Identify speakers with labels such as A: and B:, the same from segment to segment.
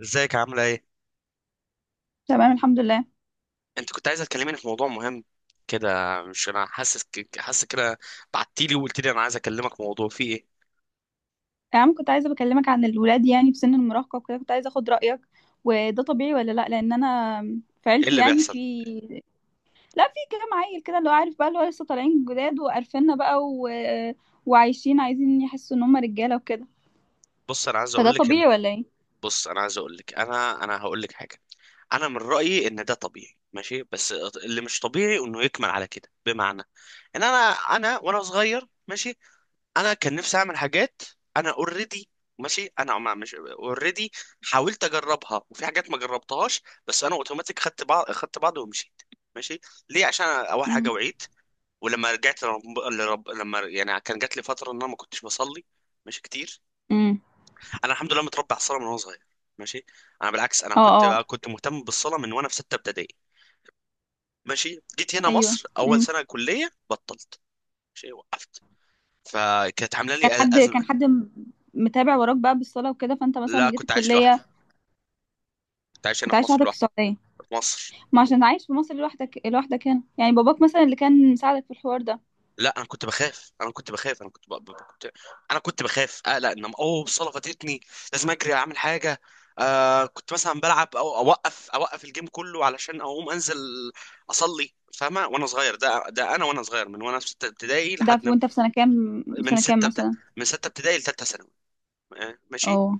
A: ازيك عاملة ايه؟
B: تمام الحمد لله.
A: انت كنت عايزة تكلميني في موضوع مهم كده. مش انا حاسس حاسس كده. بعتيلي وقلت لي انا عايز اكلمك في موضوع فيه ايه؟
B: يا عم، كنت عايزه بكلمك عن الولاد يعني في سن المراهقه وكده، كنت عايزه اخد رايك. وده طبيعي ولا لا؟ لان انا في
A: ايه
B: عيلتي
A: اللي
B: يعني في
A: بيحصل؟
B: لا، في كام عيل كده اللي هو عارف بقى، اللي هو لسه طالعين جداد وقرفنا بقى، و... وعايشين عايزين يحسوا ان هم رجاله وكده.
A: بص انا عايز
B: فده
A: اقول لك ان.
B: طبيعي ولا ايه؟
A: بص انا عايز اقول لك انا هقول لك حاجة. انا من رأيي ان ده طبيعي ماشي، بس اللي مش طبيعي انه يكمل على كده، بمعنى ان انا وانا صغير ماشي، انا كان نفسي اعمل حاجات. انا اوريدي ماشي، انا ما مش اوريدي، حاولت اجربها وفي حاجات ما جربتهاش. بس انا اوتوماتيك خدت بعض ومشيت. ماشي. ليه؟ عشان أنا اول حاجه
B: امم.
A: وعيت. ولما رجعت لما يعني كان جات لي فتره ان انا ما كنتش بصلي. ماشي كتير.
B: امم.
A: انا الحمد لله متربي على الصلاه من وانا صغير. ماشي. انا بالعكس انا
B: اه
A: كنت
B: اه.
A: كنت مهتم بالصلاه من وانا في سته ابتدائي. ماشي، جيت هنا
B: ايوه.
A: مصر اول
B: امم.
A: سنه كليه بطلت. ماشي، وقفت. فكانت عامله لي
B: كان حد كان
A: ازمه.
B: حد متابع وراك بقى بالصلاه وكده، فانت مثلا
A: لا،
B: لما جيت
A: كنت عايش لوحدي،
B: الكليه
A: كنت عايش هنا
B: كنت
A: في
B: عايش
A: مصر
B: لوحدك في
A: لوحدي.
B: السعوديه؟
A: في مصر.
B: ما عشان عايش في مصر لوحدك، لوحدك هنا يعني باباك مثلا اللي كان مساعدك في الحوار ده؟
A: لا، انا كنت بخاف انا كنت بخاف انا كنت ب... ب... كنت... انا كنت بخاف اقلق ان الصاله فاتتني، لازم اجري اعمل حاجه. كنت مثلا بلعب او اوقف الجيم كله علشان اقوم انزل اصلي. فاهمه؟ وانا صغير، ده انا وانا صغير من وانا في سته ابتدائي
B: ده
A: لحد
B: في وانت في سنة كام
A: من
B: سنة كام
A: سته ابت-
B: مثلا.
A: من سته ابتدائي لثالثه ثانوي. ماشي.
B: اه.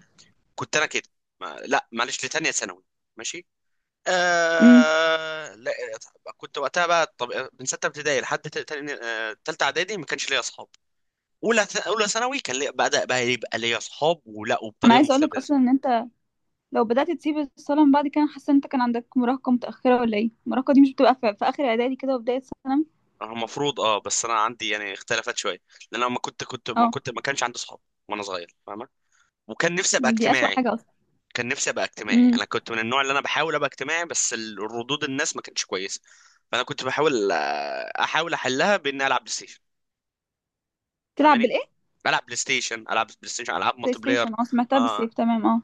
A: كنت انا كده ما... لا معلش، لتانيه ثانوي. ماشي.
B: امم.
A: لا، كنت وقتها بقى طب. من سته ابتدائي لحد تالته اعدادي ما كانش ليا اصحاب. اولى ثانوي كان لي بدا بقى يبقى ليا اصحاب ولا
B: انا
A: وبطريقه
B: عايزه اقولك
A: مستفزه.
B: اصلا ان انت لو بدأت تسيب الصلاة من بعد كده، أنا حاسة ان انت كان عندك مراهقة متأخرة، ولا ايه؟ المراهقة دي مش بتبقى في اخر اعدادي كده وبداية ثانوي؟
A: المفروض اه، بس انا عندي يعني اختلفت شويه. لان انا ما كنت كنت ما
B: اه.
A: كنت ما كانش عندي اصحاب وانا صغير. فاهمه؟ وكان نفسي ابقى
B: دي اسوأ
A: اجتماعي.
B: حاجة اصلا.
A: كان نفسي ابقى اجتماعي،
B: امم.
A: انا كنت من النوع اللي انا بحاول ابقى اجتماعي، بس الردود الناس ما كانتش كويسه. فانا كنت بحاول، احاول احلها باني العب بلاي ستيشن.
B: تلعب
A: فاهماني؟
B: بالايه؟
A: بلعب بلاي ستيشن، العاب بلاي ستيشن، العاب
B: بلاي
A: مالتي بلاير.
B: ستيشن، اه، سمعتها
A: اه.
B: بالسيف، تمام، اه.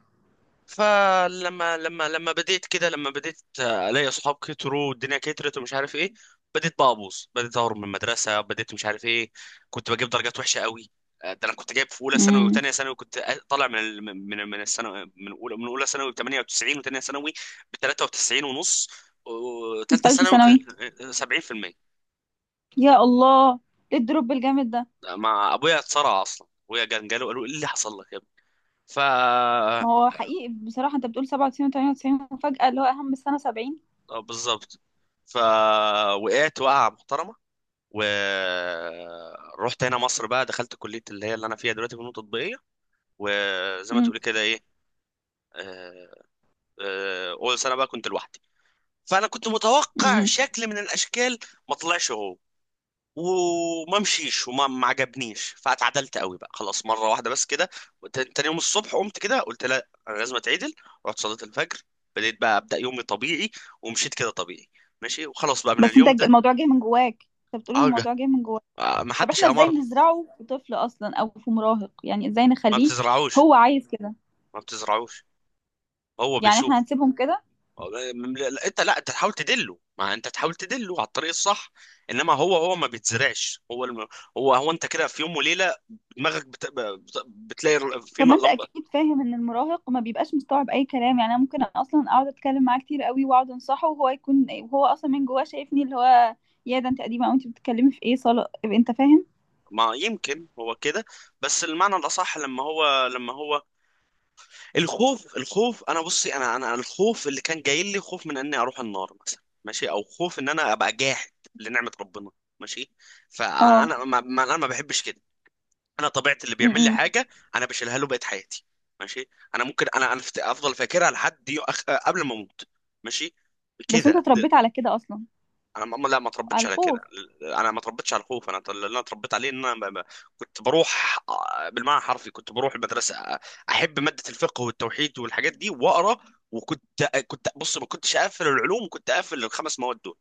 A: فلما لما بديت كده، لما بديت الاقي اصحاب كتروا والدنيا كترت ومش عارف ايه، بديت بقى ابوظ، بديت اهرب من المدرسه، بديت مش عارف ايه. كنت بجيب درجات وحشه قوي. ده انا كنت جايب في اولى ثانوي
B: امم.
A: وثانيه ثانوي، كنت طالع من الثانوي من اولى من اولى ثانوي ب 98، وثانيه ثانوي ب 93 ونص، وثالثه
B: تالتة
A: ثانوي
B: ثانوي.
A: كان 70%.
B: يا الله، ايه الدروب الجامد ده!
A: مع ابويا اتصارع اصلا، ابويا كان جاله قالوا ايه اللي حصل لك يا ابني. ف
B: ما هو حقيقي بصراحة، انت بتقول 97 و98 وفجأة اللي هو اهم السنة 70.
A: اه بالظبط. فوقعت وقعة محترمة، ورحت هنا مصر بقى، دخلت كلية اللي هي اللي أنا فيها دلوقتي، فنون تطبيقية. وزي ما
B: امم.
A: تقولي كده إيه. آه، أول سنة بقى كنت لوحدي. فأنا كنت متوقع
B: امم.
A: شكل من الأشكال ما طلعش هو، وما مشيش وما ما عجبنيش. فاتعدلت قوي بقى، خلاص، مرة واحدة بس كده. وت- تاني يوم الصبح قمت كده قلت لا أنا لازم أتعدل. رحت صليت الفجر، بديت بقى أبدأ يومي طبيعي، ومشيت كده طبيعي. ماشي، وخلاص بقى من
B: بس انت
A: اليوم ده.
B: الموضوع جاي من جواك، انت بتقول إن
A: اه.
B: الموضوع جاي من جواك.
A: ما
B: طب
A: حدش
B: احنا ازاي
A: امرني.
B: نزرعه في طفل اصلا او في مراهق؟ يعني ازاي
A: ما
B: نخليه
A: بتزرعوش.
B: هو عايز كده؟
A: ما بتزرعوش. هو
B: يعني
A: بيشوف.
B: احنا هنسيبهم كده؟
A: لا، انت تحاول تدله، ما انت تحاول تدله على الطريق الصح. انما هو ما بيتزرعش. هو انت كده في يوم وليله بتلاقي
B: طب ما انت
A: لمبه.
B: اكيد فاهم ان المراهق ما بيبقاش مستوعب اي كلام. يعني انا ممكن اصلا اقعد اتكلم معاه كتير قوي واقعد انصحه، وهو يكون وهو اصلا من جواه شايفني اللي هو يا ده انت قديمه، او انت بتتكلمي في ايه صاله، انت فاهم.
A: ما يمكن هو كده. بس المعنى الاصح لما هو الخوف. الخوف. انا بصي، انا الخوف اللي كان جاي لي خوف من اني اروح النار مثلا، ماشي، او خوف ان انا ابقى جاحد لنعمه ربنا. ماشي.
B: اه.
A: فانا ما ما- انا ما بحبش كده. انا طبيعتي اللي بيعمل لي
B: امم.
A: حاجه انا بشيلها له بقيه حياتي. ماشي. انا ممكن افضل فاكرها لحد دي قبل ما اموت. ماشي.
B: بس انت
A: كده
B: اتربيت على كده اصلا،
A: انا ما
B: على
A: اتربيتش على كده.
B: الخوف.
A: انا ما اتربيتش على الخوف. انا اللي انا اتربيت عليه ان انا كنت بروح، بالمعنى الحرفي كنت بروح المدرسه، احب ماده الفقه والتوحيد والحاجات دي واقرا. وكنت، كنت بص، ما كنتش اقفل العلوم، كنت اقفل الخمس مواد دول.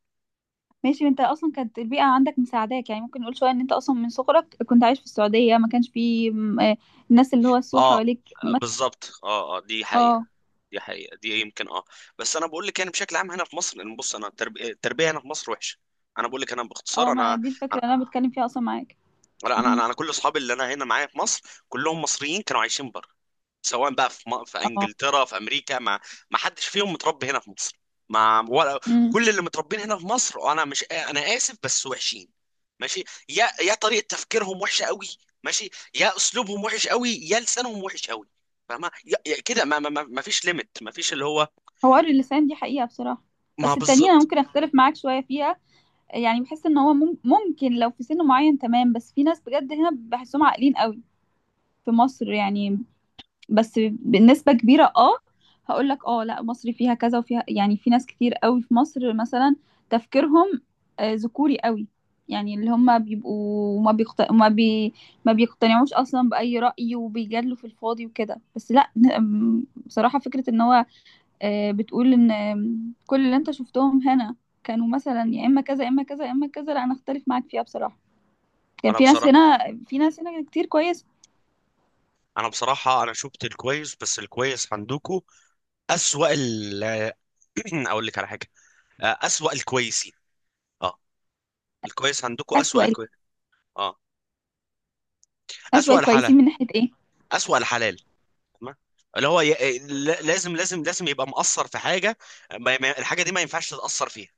B: ماشي، انت اصلا كانت البيئه عندك مساعداك. يعني ممكن نقول شويه ان انت اصلا من صغرك كنت عايش في السعوديه، ما كانش فيه الناس اللي هو
A: اه،
B: السوء حواليك
A: بالظبط. اه اه، دي حقيقه.
B: اه.
A: دي حقيقة، دي يمكن اه. بس انا بقول لك يعني بشكل عام هنا في مصر، لان بص، انا التربية هنا في مصر وحشة. انا بقول لك انا
B: اه.
A: باختصار
B: ما
A: انا.
B: دي الفكرة
A: انا
B: اللي انا بتكلم فيها اصلا معاك.
A: لا، انا,
B: امم.
A: أنا أنا كل اصحابي اللي انا هنا معايا في مصر كلهم مصريين كانوا عايشين بره، سواء بقى في في
B: اه.
A: انجلترا في امريكا، ما حدش فيهم متربي هنا في مصر. ما ولا
B: امم.
A: كل اللي متربين هنا في مصر انا، مش انا اسف، بس وحشين. ماشي. يا طريقة تفكيرهم وحشة قوي. ماشي. يا اسلوبهم وحش قوي، يا لسانهم وحش قوي. فاهمة؟ يا- يا كده ما فيش ليميت، ما فيش اللي هو.
B: حوار اللسان دي حقيقة بصراحة.
A: ما
B: بس التانيين انا
A: بالظبط.
B: ممكن اختلف معاك شوية فيها. يعني بحس ان هو ممكن لو في سن معين، تمام، بس في ناس بجد هنا بحسهم عاقلين قوي، في مصر يعني، بس بنسبة كبيرة اه. هقول لك اه، لا مصر فيها كذا وفيها، يعني في ناس كتير قوي في مصر مثلا تفكيرهم ذكوري قوي، يعني اللي هم بيبقوا ما بيقتنعوش اصلا بأي رأي وبيجادلوا في الفاضي وكده. بس لا، بصراحة، فكرة ان هو بتقول ان كل اللي انت شفتهم هنا كانوا مثلا يا اما كذا يا اما كذا يا اما كذا، لا انا اختلف معاك فيها بصراحة. كان
A: انا
B: في ناس
A: بصراحه
B: هنا في ناس هنا كتير كويسة.
A: انا بصراحه انا شفت الكويس، بس الكويس عندكم اسوأ ال اقول لك على حاجه. اسوأ الكويسين. اه. الكويس عندكم اسوأ
B: أسوأ
A: الكويس. اه.
B: أسوأ
A: اسوأ الحلال.
B: الكويسين من ناحية ايه؟
A: اسوأ الحلال. تمام. اللي هو لازم يبقى مقصر في حاجه. ما... ما... الحاجه دي ما ينفعش تتأثر فيها.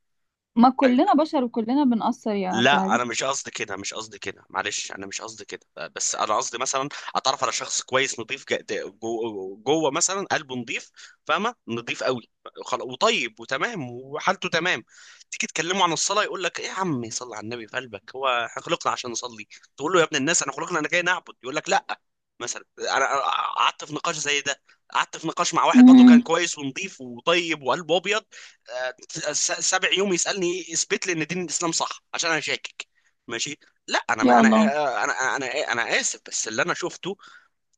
B: ما كلنا بشر وكلنا بنقصر يا عبد
A: لا، انا
B: العزيز.
A: مش قصدي كده، مش قصدي كده، معلش انا مش قصدي كده. بس انا قصدي مثلا اتعرف على شخص كويس نظيف جوه مثلا قلبه نظيف. فاهمه؟ نظيف قوي. وطيب وتمام وحالته تمام. تيجي تكلمه عن الصلاه يقول لك ايه يا عم، صلي على النبي في قلبك، هو احنا خلقنا عشان نصلي؟ تقول له يا ابن الناس انا خلقنا انا جاي نعبد، يقول لك لا. مثلا أنا قعدت في نقاش زي ده. قعدت في نقاش مع واحد برضه
B: امم.
A: كان كويس ونظيف وطيب وقلبه ابيض. آه، سابع يوم يسالني اثبت لي ان دين الاسلام صح عشان انا شاكك. ماشي. لا انا ما
B: يا
A: انا
B: الله.
A: آه، آه، انا آه، انا آه، انا اسف، بس اللي انا شفته.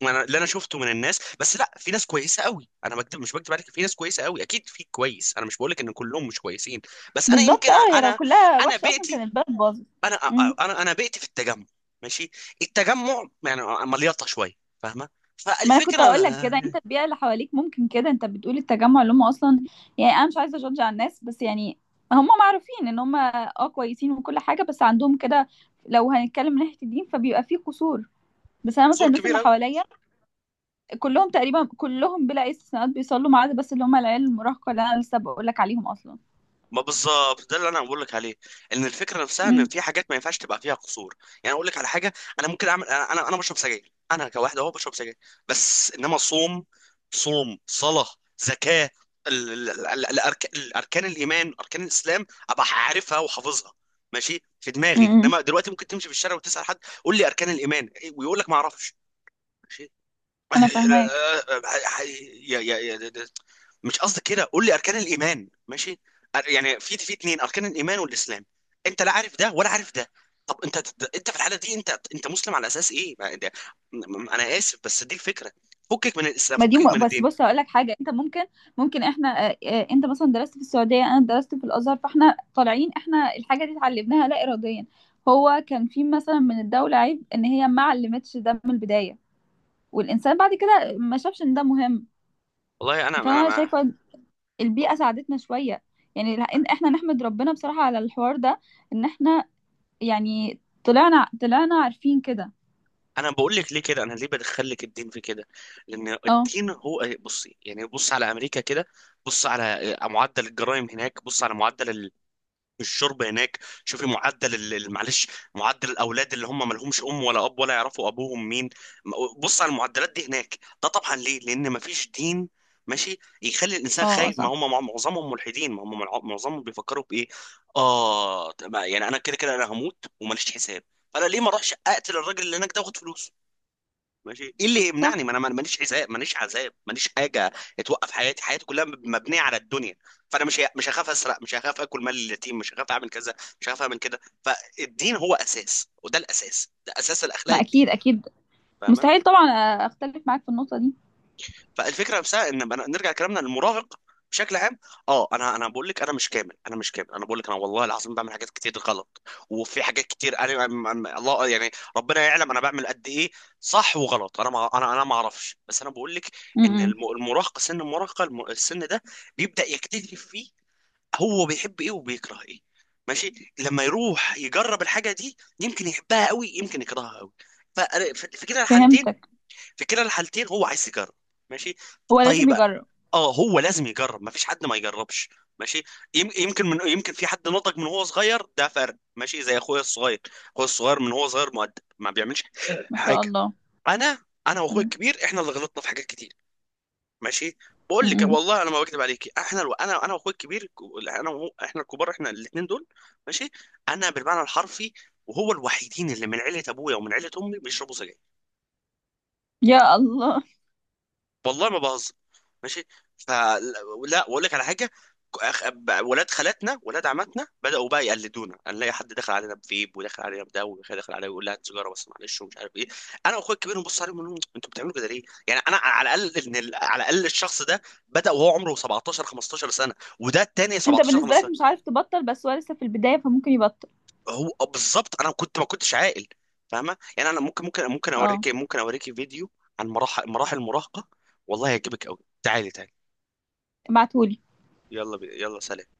A: انا اللي انا شفته من الناس، بس لا، في ناس كويسه قوي، انا بكتب مش بكتب عليك، في ناس كويسه قوي، اكيد في كويس، انا مش بقول لك ان كلهم مش كويسين. بس انا يمكن
B: بالظبط اه، هي لو
A: انا.
B: كلها
A: انا
B: وحشة اصلا كان
A: بيئتي.
B: البلد باظت.
A: انا.
B: امم.
A: انا بيئتي في التجمع. ماشي. التجمع يعني مليطه شويه. فاهمه؟
B: ما انا كنت
A: فالفكره
B: هقول لك كده، انت البيئة اللي حواليك، ممكن كده انت بتقول التجمع اللي هم اصلا، يعني انا مش عايزة اجادج على الناس، بس يعني هم معروفين ان هم اه كويسين وكل حاجة، بس عندهم كده لو هنتكلم من ناحية الدين فبيبقى فيه قصور. بس انا مثلا
A: سور
B: الناس
A: كبير.
B: اللي حواليا كلهم تقريبا، كلهم بلا استثناءات بيصلوا، ما عدا بس اللي هم العيال المراهقة اللي انا لسه بقول لك عليهم اصلا.
A: ما بالظبط، ده اللي انا بقول لك عليه، ان الفكره نفسها ان
B: امم.
A: في حاجات ما ينفعش تبقى فيها قصور. يعني اقول لك على حاجه. انا ممكن اعمل انا بشرب سجاير، انا كواحد اهو بشرب سجاير. بس انما صوم. صوم، صلاه، زكاه، الاركان الايمان، اركان الاسلام، ابقى عارفها وحافظها. ماشي، في دماغي.
B: امم.
A: انما دلوقتي ممكن تمشي في الشارع وتسال حد، قول لي اركان الايمان إيه؟ ويقول لك ما اعرفش.
B: انا فاهماك.
A: يا يا يا مش قصدي كده. قول لي اركان الايمان ماشي. يعني في اتنين، اركان الايمان والاسلام. انت لا عارف ده ولا عارف ده. طب انت، انت في الحاله دي انت مسلم على اساس ايه؟ انا اسف، بس دي الفكره. فكك من الاسلام،
B: ما دي
A: فكك
B: م...
A: من
B: بس
A: الدين.
B: بص هقول لك حاجه، انت ممكن احنا انت مثلا درست في السعوديه، انا درست في الازهر، فاحنا طالعين احنا الحاجه دي اتعلمناها لا اراديا. هو كان في مثلا من الدوله عيب ان هي ما علمتش ده من البدايه، والانسان بعد كده ما شافش ان ده مهم.
A: والله
B: فانا شايفه البيئه ساعدتنا شويه. يعني إن احنا نحمد ربنا بصراحه على الحوار ده، ان احنا يعني طلعنا عارفين كده.
A: انا بقول لك ليه كده، انا ليه بدخل لك الدين في كده. لان
B: اه.
A: الدين هو، بصي يعني، بص على امريكا كده. بص على معدل الجرائم هناك، بص على معدل الشرب هناك، شوفي معدل معلش، معدل الاولاد اللي هم مالهمش ام ولا اب ولا يعرفوا ابوهم مين. بص على المعدلات دي هناك. ده طبعا ليه؟ لان مفيش دين ماشي يخلي الانسان
B: اه. آه،
A: خايف. ما
B: صح.
A: هم معظمهم ملحدين، ما هم معظمهم بيفكروا بايه؟ اه تمام، يعني انا كده كده انا هموت وماليش حساب. فانا ليه ما اروحش اقتل الراجل اللي هناك ده واخد فلوسه؟ ماشي. ايه اللي
B: صح.
A: يمنعني؟ ما انا ماليش عذاب، ماليش عذاب، ماليش حاجه توقف حياتي، حياتي كلها مبنيه على الدنيا. فانا مش هخاف اسرق، مش هخاف اكل مال اليتيم، مش هخاف اعمل كذا، مش هخاف اعمل كده. فالدين هو اساس، وده الاساس، ده اساس الاخلاق
B: ما
A: الدين.
B: اكيد اكيد.
A: فاهم؟
B: مستحيل طبعا اختلف معاك في النقطه دي.
A: فالفكره نفسها ان نرجع كلامنا للمراهق بشكل عام. اه انا بقول لك انا مش كامل، انا مش كامل، انا بقول لك انا والله العظيم بعمل حاجات كتير غلط، وفي حاجات كتير انا الله يعني ربنا يعلم انا بعمل قد ايه صح وغلط، انا ما اعرفش. بس انا بقول لك
B: م-
A: ان
B: م.
A: المراهقه، سن المراهقه، السن ده بيبدا يكتشف فيه هو بيحب ايه وبيكره ايه. ماشي، لما يروح يجرب الحاجه دي يمكن يحبها قوي يمكن يكرهها قوي. في كده الحالتين،
B: فهمتك.
A: في كلا الحالتين هو عايز يجرب. ماشي.
B: هو لازم
A: طيب.
B: يجرب.
A: اه، هو لازم يجرب، مفيش حد ما يجربش. ماشي. يمكن في حد نضج من هو صغير، ده فرق ماشي، زي اخويا الصغير. اخويا الصغير من هو صغير مؤدب ما بيعملش
B: ما شاء
A: حاجه.
B: الله.
A: انا، واخويا
B: مم.
A: الكبير احنا اللي غلطنا في حاجات كتير. ماشي. بقول لك
B: مم.
A: والله انا ما بكذب عليكي، احنا انا واخويا الكبير، انا وهو احنا الكبار، احنا الاثنين دول. ماشي، انا بالمعنى الحرفي، وهو الوحيدين اللي من عيله ابويا ومن عيله امي بيشربوا سجاير.
B: يا الله.
A: والله ما بهزر. ماشي. فلا. واقول لك على حاجه، ولاد خالاتنا ولاد عماتنا بداوا بقى يقلدونا، نلاقي حد داخل علينا بفيب، وداخل علينا بده، وداخل داخل علينا يقول لها هات سيجاره بس معلش، ومش عارف ايه. انا واخويا الكبير نبص عليهم ونقول لهم، انتوا بتعملوا كده ليه؟ يعني انا على الاقل ان على الاقل الشخص ده بدا وهو عمره 17 15 سنه، وده التاني
B: انت
A: 17
B: بالنسبة لك
A: 15.
B: مش عارف تبطل، بس هو لسه في البداية فممكن يبطل.
A: هو بالظبط، انا كنت ما كنتش عاقل. فاهمه؟ يعني انا
B: اه.
A: ممكن اوريكي فيديو عن مراحل المراهقه، والله هيعجبك قوي. تعالي تعالي.
B: ابعتهولي.
A: يلا سلام.